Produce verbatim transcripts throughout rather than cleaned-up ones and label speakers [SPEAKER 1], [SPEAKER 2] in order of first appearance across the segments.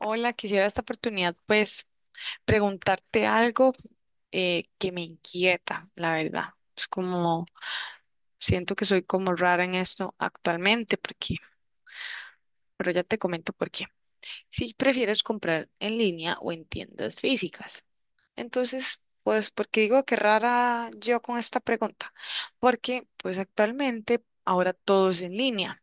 [SPEAKER 1] Hola, quisiera esta oportunidad pues preguntarte algo eh, que me inquieta, la verdad. Es como, siento que soy como rara en esto actualmente, porque, pero ya te comento por qué. Si prefieres comprar en línea o en tiendas físicas. Entonces, pues, ¿porque digo que rara yo con esta pregunta? Porque pues actualmente ahora todo es en línea.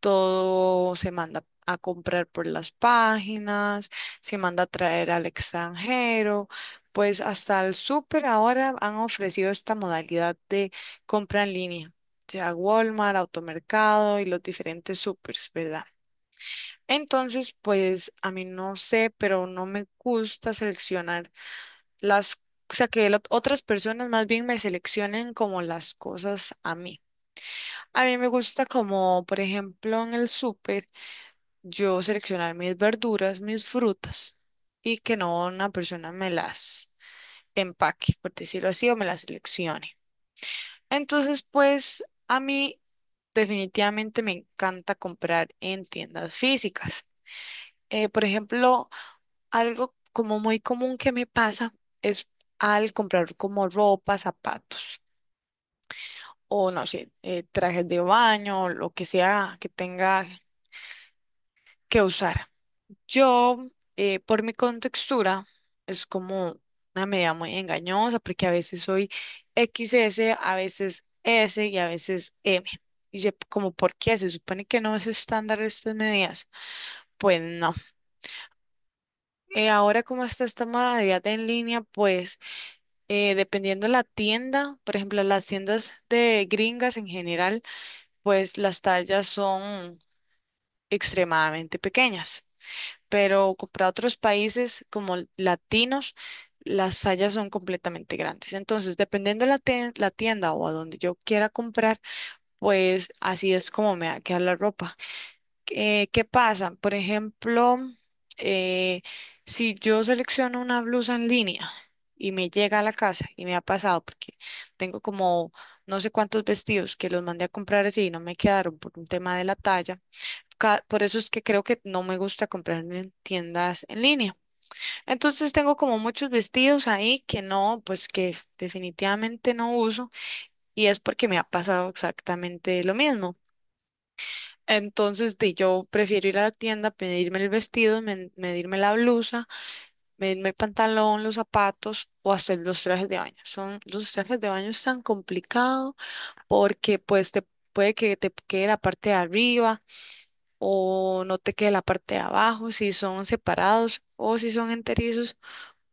[SPEAKER 1] Todo se manda a comprar por las páginas, se manda a traer al extranjero, pues hasta el súper ahora han ofrecido esta modalidad de compra en línea, sea Walmart, Automercado y los diferentes supers, ¿verdad? Entonces, pues a mí no sé, pero no me gusta seleccionar las, o sea, que la- otras personas más bien me seleccionen como las cosas a mí. A mí me gusta como, por ejemplo, en el súper yo seleccionar mis verduras, mis frutas y que no una persona me las empaque, por decirlo así, o me las seleccione. Entonces, pues a mí definitivamente me encanta comprar en tiendas físicas. Eh, por ejemplo, algo como muy común que me pasa es al comprar como ropa, zapatos o no sé, eh, trajes de baño, lo que sea que tenga que usar. Yo, eh, por mi contextura, es como una medida muy engañosa porque a veces soy equis ese, a veces S y a veces M. Y yo, como, ¿por qué? Se supone que no es estándar estas medidas. Pues no. Eh, ahora como está esta modalidad en línea, pues eh, dependiendo de la tienda, por ejemplo, las tiendas de gringas en general, pues las tallas son extremadamente pequeñas. Pero co- para otros países como l- latinos, las tallas son completamente grandes. Entonces, dependiendo de la, tien- la tienda o a donde yo quiera comprar, pues así es como me va a quedar la ropa. Eh, ¿qué pasa? Por ejemplo, eh, si yo selecciono una blusa en línea y me llega a la casa, y me ha pasado, porque tengo como no sé cuántos vestidos que los mandé a comprar así y no me quedaron por un tema de la talla. ca- Por eso es que creo que no me gusta comprar en tiendas en línea. Entonces tengo como muchos vestidos ahí que no, pues que definitivamente no uso, y es porque me ha pasado exactamente lo mismo. Entonces di, yo prefiero ir a la tienda, pedirme el vestido, men- medirme la blusa, medirme el pantalón, los zapatos o hacer los trajes de baño. Son los trajes de baño, es tan complicado porque pues te puede que te quede la parte de arriba o no te quede la parte de abajo, si son separados o si son enterizos,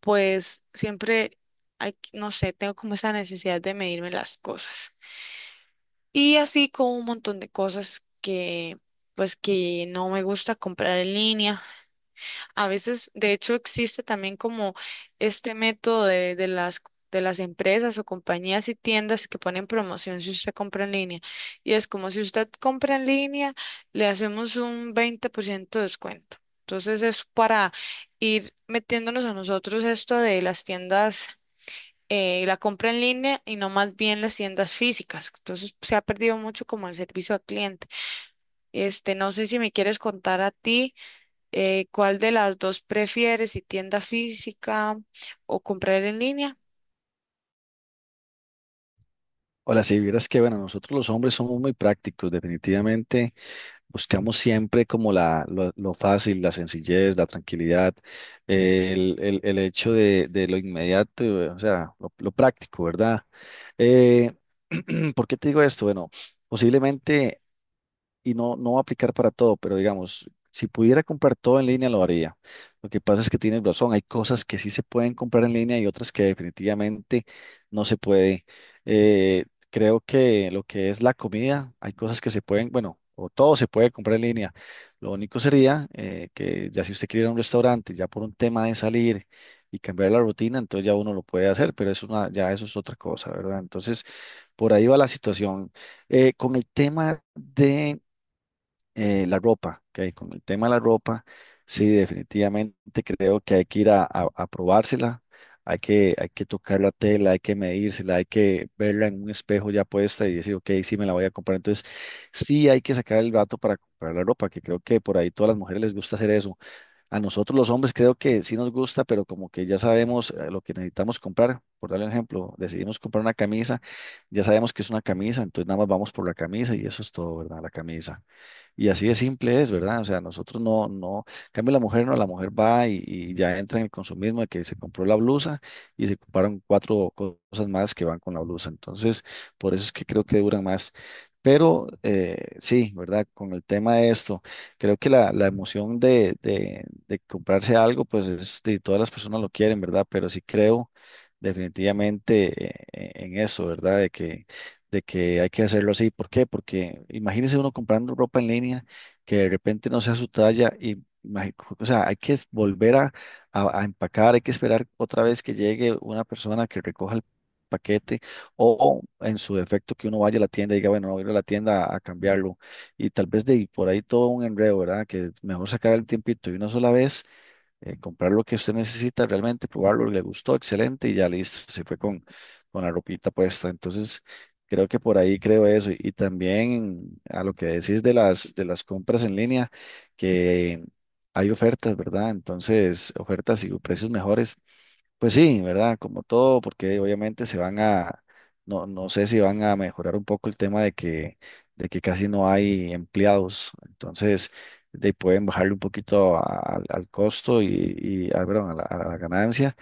[SPEAKER 1] pues siempre hay, que- no sé, tengo como esa necesidad de medirme las cosas. Y así con un montón de cosas que pues que no me gusta comprar en línea. A veces, de hecho, existe también como este método de, de las, de las empresas o compañías y tiendas que ponen promoción si usted compra en línea. Y es como, si usted compra en línea, le hacemos un veinte por ciento de descuento. Entonces es para ir metiéndonos a nosotros esto de las tiendas, eh, la compra en línea, y no más bien las tiendas físicas. Entonces se ha perdido mucho como el servicio al cliente. Este, no sé si me quieres contar a ti. Eh, ¿cuál de las dos prefieres, si tienda física o comprar en línea?
[SPEAKER 2] Hola, si vieras que, bueno, nosotros los hombres somos muy prácticos. Definitivamente buscamos siempre como la, lo, lo fácil, la sencillez, la tranquilidad, el, el- el hecho de, de lo inmediato, eh, o sea, lo, lo práctico, ¿verdad? Eh, ¿Por qué te digo esto? Bueno, posiblemente y no, no va a aplicar para todo, pero digamos, si pudiera comprar todo en línea lo haría. Lo que pasa es que tienes razón, hay cosas que sí se pueden comprar en línea y otras que definitivamente no se puede. Eh, creo que lo que es la comida, hay cosas que se pueden, bueno, o todo se puede comprar en línea. Lo único sería eh, que ya si usted quiere ir a un restaurante, ya por un tema de salir y cambiar la rutina, entonces ya uno lo puede hacer, pero eso, ya eso es otra cosa, ¿verdad? Entonces, por ahí va la situación. Eh, con el tema de eh, la ropa, ¿ok? Con el tema de la ropa, sí, definitivamente creo que hay que ir a, a- a probársela, hay que, hay que tocar la tela, hay que medírsela, hay que verla en un espejo ya puesta y decir, ok, sí me la voy a comprar. Entonces, sí hay que sacar el gato para comprar la ropa, que creo que por ahí todas las mujeres les gusta hacer eso. A nosotros los hombres creo que sí nos gusta, pero como que ya sabemos eh, lo que necesitamos comprar. Por darle un ejemplo, decidimos comprar una camisa, ya sabemos que es una camisa, entonces nada más vamos por la camisa y eso es todo, ¿verdad? La camisa. Y así de simple es, ¿verdad? O sea, nosotros no, no, en cambio la mujer no, la mujer va y, y ya entra en el consumismo de que se compró la blusa y se compraron cuatro co- cosas más que van con la blusa. Entonces, por eso es que creo que duran más. Pero eh, sí, ¿verdad? Con el tema de esto, creo que la, la emoción de, de, de comprarse algo, pues es de todas las personas, lo quieren, ¿verdad? Pero sí creo definitivamente, eh, eh, en eso, ¿verdad? De que de que hay que hacerlo así. ¿Por qué? Porque imagínese uno comprando ropa en línea que de repente no sea su talla y, imagi- o sea, hay que volver a, a- a empacar, hay que esperar otra vez que llegue una persona que recoja el paquete o, en su defecto, que uno vaya a la tienda y diga, bueno, voy a ir a la tienda a, a cambiarlo. Y tal vez de ahí- por ahí todo un enredo, ¿verdad? Que mejor sacar el tiempito de una sola vez, eh, comprar lo que usted necesita realmente, probarlo, le gustó, excelente, y ya listo, se fue con, con la ropita puesta. Entonces, creo que por ahí creo eso. Y, y también a lo que decís de las, de las compras en línea, que hay ofertas, ¿verdad? Entonces, ofertas y precios mejores. Pues sí, ¿verdad? Como todo, porque obviamente se van a, no, no sé si van a mejorar un poco el tema de que, de que casi no hay empleados. Entonces, de, ahí pueden bajarle un poquito a- al al costo y, y ah, perdón, a la, a la ganancia,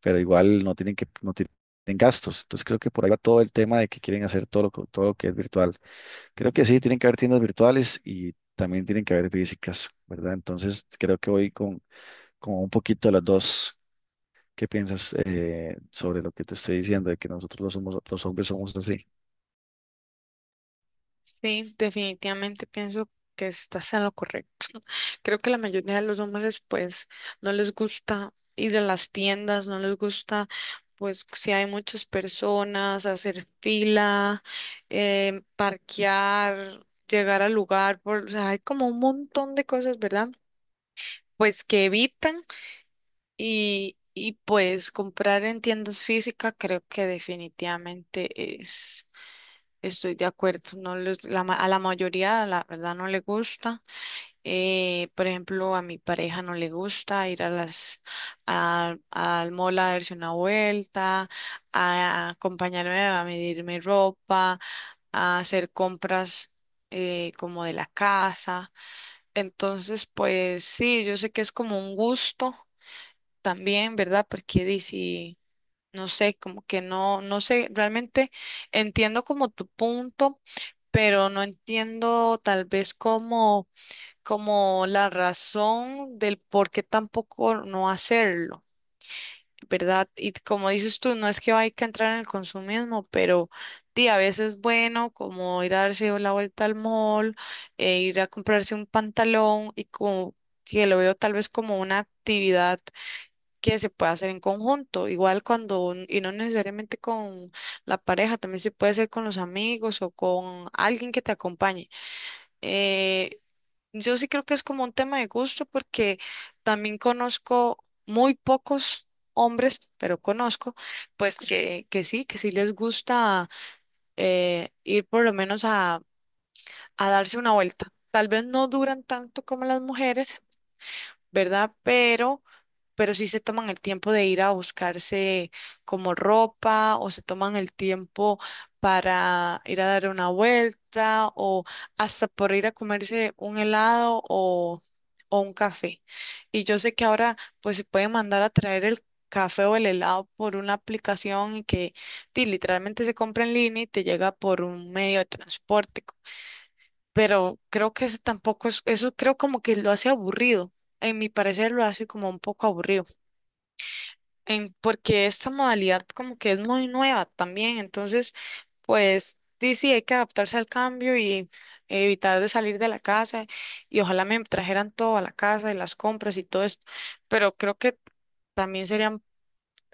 [SPEAKER 2] pero igual no tienen que, no tienen gastos. Entonces, creo que por ahí va todo el tema de que quieren hacer todo lo, que- todo lo que es virtual. Creo que sí, tienen que haber tiendas virtuales y también tienen que haber físicas, ¿verdad? Entonces, creo que voy con, con un poquito de las dos. ¿Qué piensas, eh, sobre lo que te estoy diciendo, de que nosotros los, somos, los hombres somos así?
[SPEAKER 1] Sí, definitivamente pienso que estás en lo correcto. Creo que la mayoría de los hombres pues no les gusta ir a las tiendas, no les gusta, pues si hay muchas personas, hacer fila, eh, parquear, llegar al lugar, por, o sea, hay como un montón de cosas, ¿verdad? Pues que evitan. Y, y pues comprar en tiendas físicas, creo que definitivamente es, estoy de acuerdo. No les- la ma- a la mayoría, la verdad, no le gusta. Eh, por ejemplo, a mi pareja no le gusta ir a las, a- al mall a darse una vuelta, a acompañarme a medirme ropa, a hacer compras eh, como de la casa. Entonces, pues sí, yo sé que es como un gusto también, ¿verdad? Porque dice, no sé, como que no, no sé, realmente entiendo como tu punto, pero no entiendo tal vez como, como la razón del por qué tampoco no hacerlo, ¿verdad? Y como dices tú, no es que hay que entrar en el consumismo, pero sí, a veces es bueno como ir a darse la vuelta al mall, e ir a comprarse un pantalón, y como que lo veo tal vez como una actividad que se puede hacer en conjunto, igual cuando, un- y no necesariamente con la pareja, también se puede hacer con los amigos o con alguien que te acompañe. Eh, yo sí creo que es como un tema de gusto, porque también conozco muy pocos hombres, pero conozco, pues que, que sí, que sí les gusta, eh, ir por lo menos a, a, darse una vuelta. Tal vez no duran tanto como las mujeres, ¿verdad? Pero, pero sí se toman el tiempo de ir a buscarse como ropa, o se toman el tiempo para ir a dar una vuelta, o hasta por ir a comerse un helado o, o un café. Y yo sé que ahora pues se puede mandar a traer el café o el helado por una aplicación y que ti, literalmente se compra en línea y te llega por un medio de transporte, pero creo que eso tampoco es, eso creo como que lo hace aburrido. En mi parecer lo hace como un poco aburrido, en, porque esta modalidad como que es muy nueva también, entonces pues sí, sí, hay que adaptarse al cambio y evitar de salir de la casa, y ojalá me trajeran todo a la casa y las compras y todo esto, pero creo que también serían,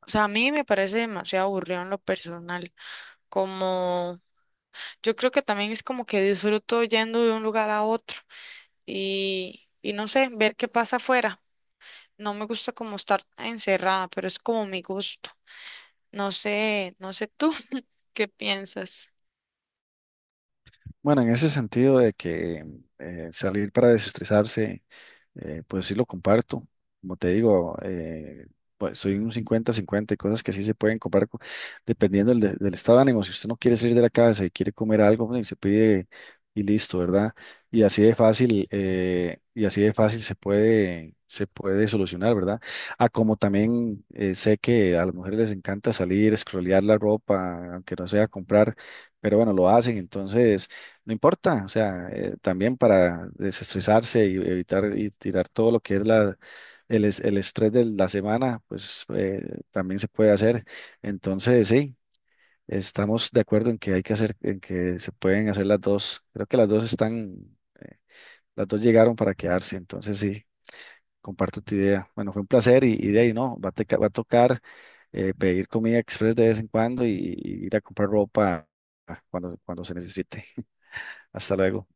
[SPEAKER 1] o sea, a mí me parece demasiado aburrido en lo personal, como yo creo que también es como que disfruto yendo de un lugar a otro. y, y no sé, ver qué pasa afuera. No me gusta como estar encerrada, pero es como mi gusto. No sé, no sé tú qué piensas.
[SPEAKER 2] Bueno, en ese sentido de que eh, salir para desestresarse, eh, pues sí lo comparto. Como te digo, eh, pues soy un cincuenta y cincuenta, hay cosas que sí se pueden comprar co- dependiendo del, de- del estado de ánimo. Si usted no quiere salir de la casa y quiere comer algo, bueno, y se pide y listo, ¿verdad? Y así de fácil, eh, y así de fácil se puede, se puede solucionar, ¿verdad? Ah, como también eh, sé que a las mujeres les encanta salir, escrolear la ropa, aunque no sea comprar, pero bueno, lo hacen, entonces... No importa, o sea, eh, también para desestresarse y evitar y tirar todo lo que es la, el, es- el estrés de la semana, pues eh, también se puede hacer. Entonces, sí, estamos de acuerdo en que hay que hacer, en que se pueden hacer las dos. Creo que las dos están, eh, las dos llegaron para quedarse. Entonces, sí, comparto tu idea. Bueno, fue un placer y, y de ahí no, va a, teca- va a tocar eh, pedir comida express de vez en cuando y, y ir a comprar ropa ah, cuando, cuando se necesite. Hasta luego.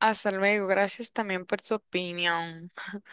[SPEAKER 1] Hasta luego, gracias también por tu opinión.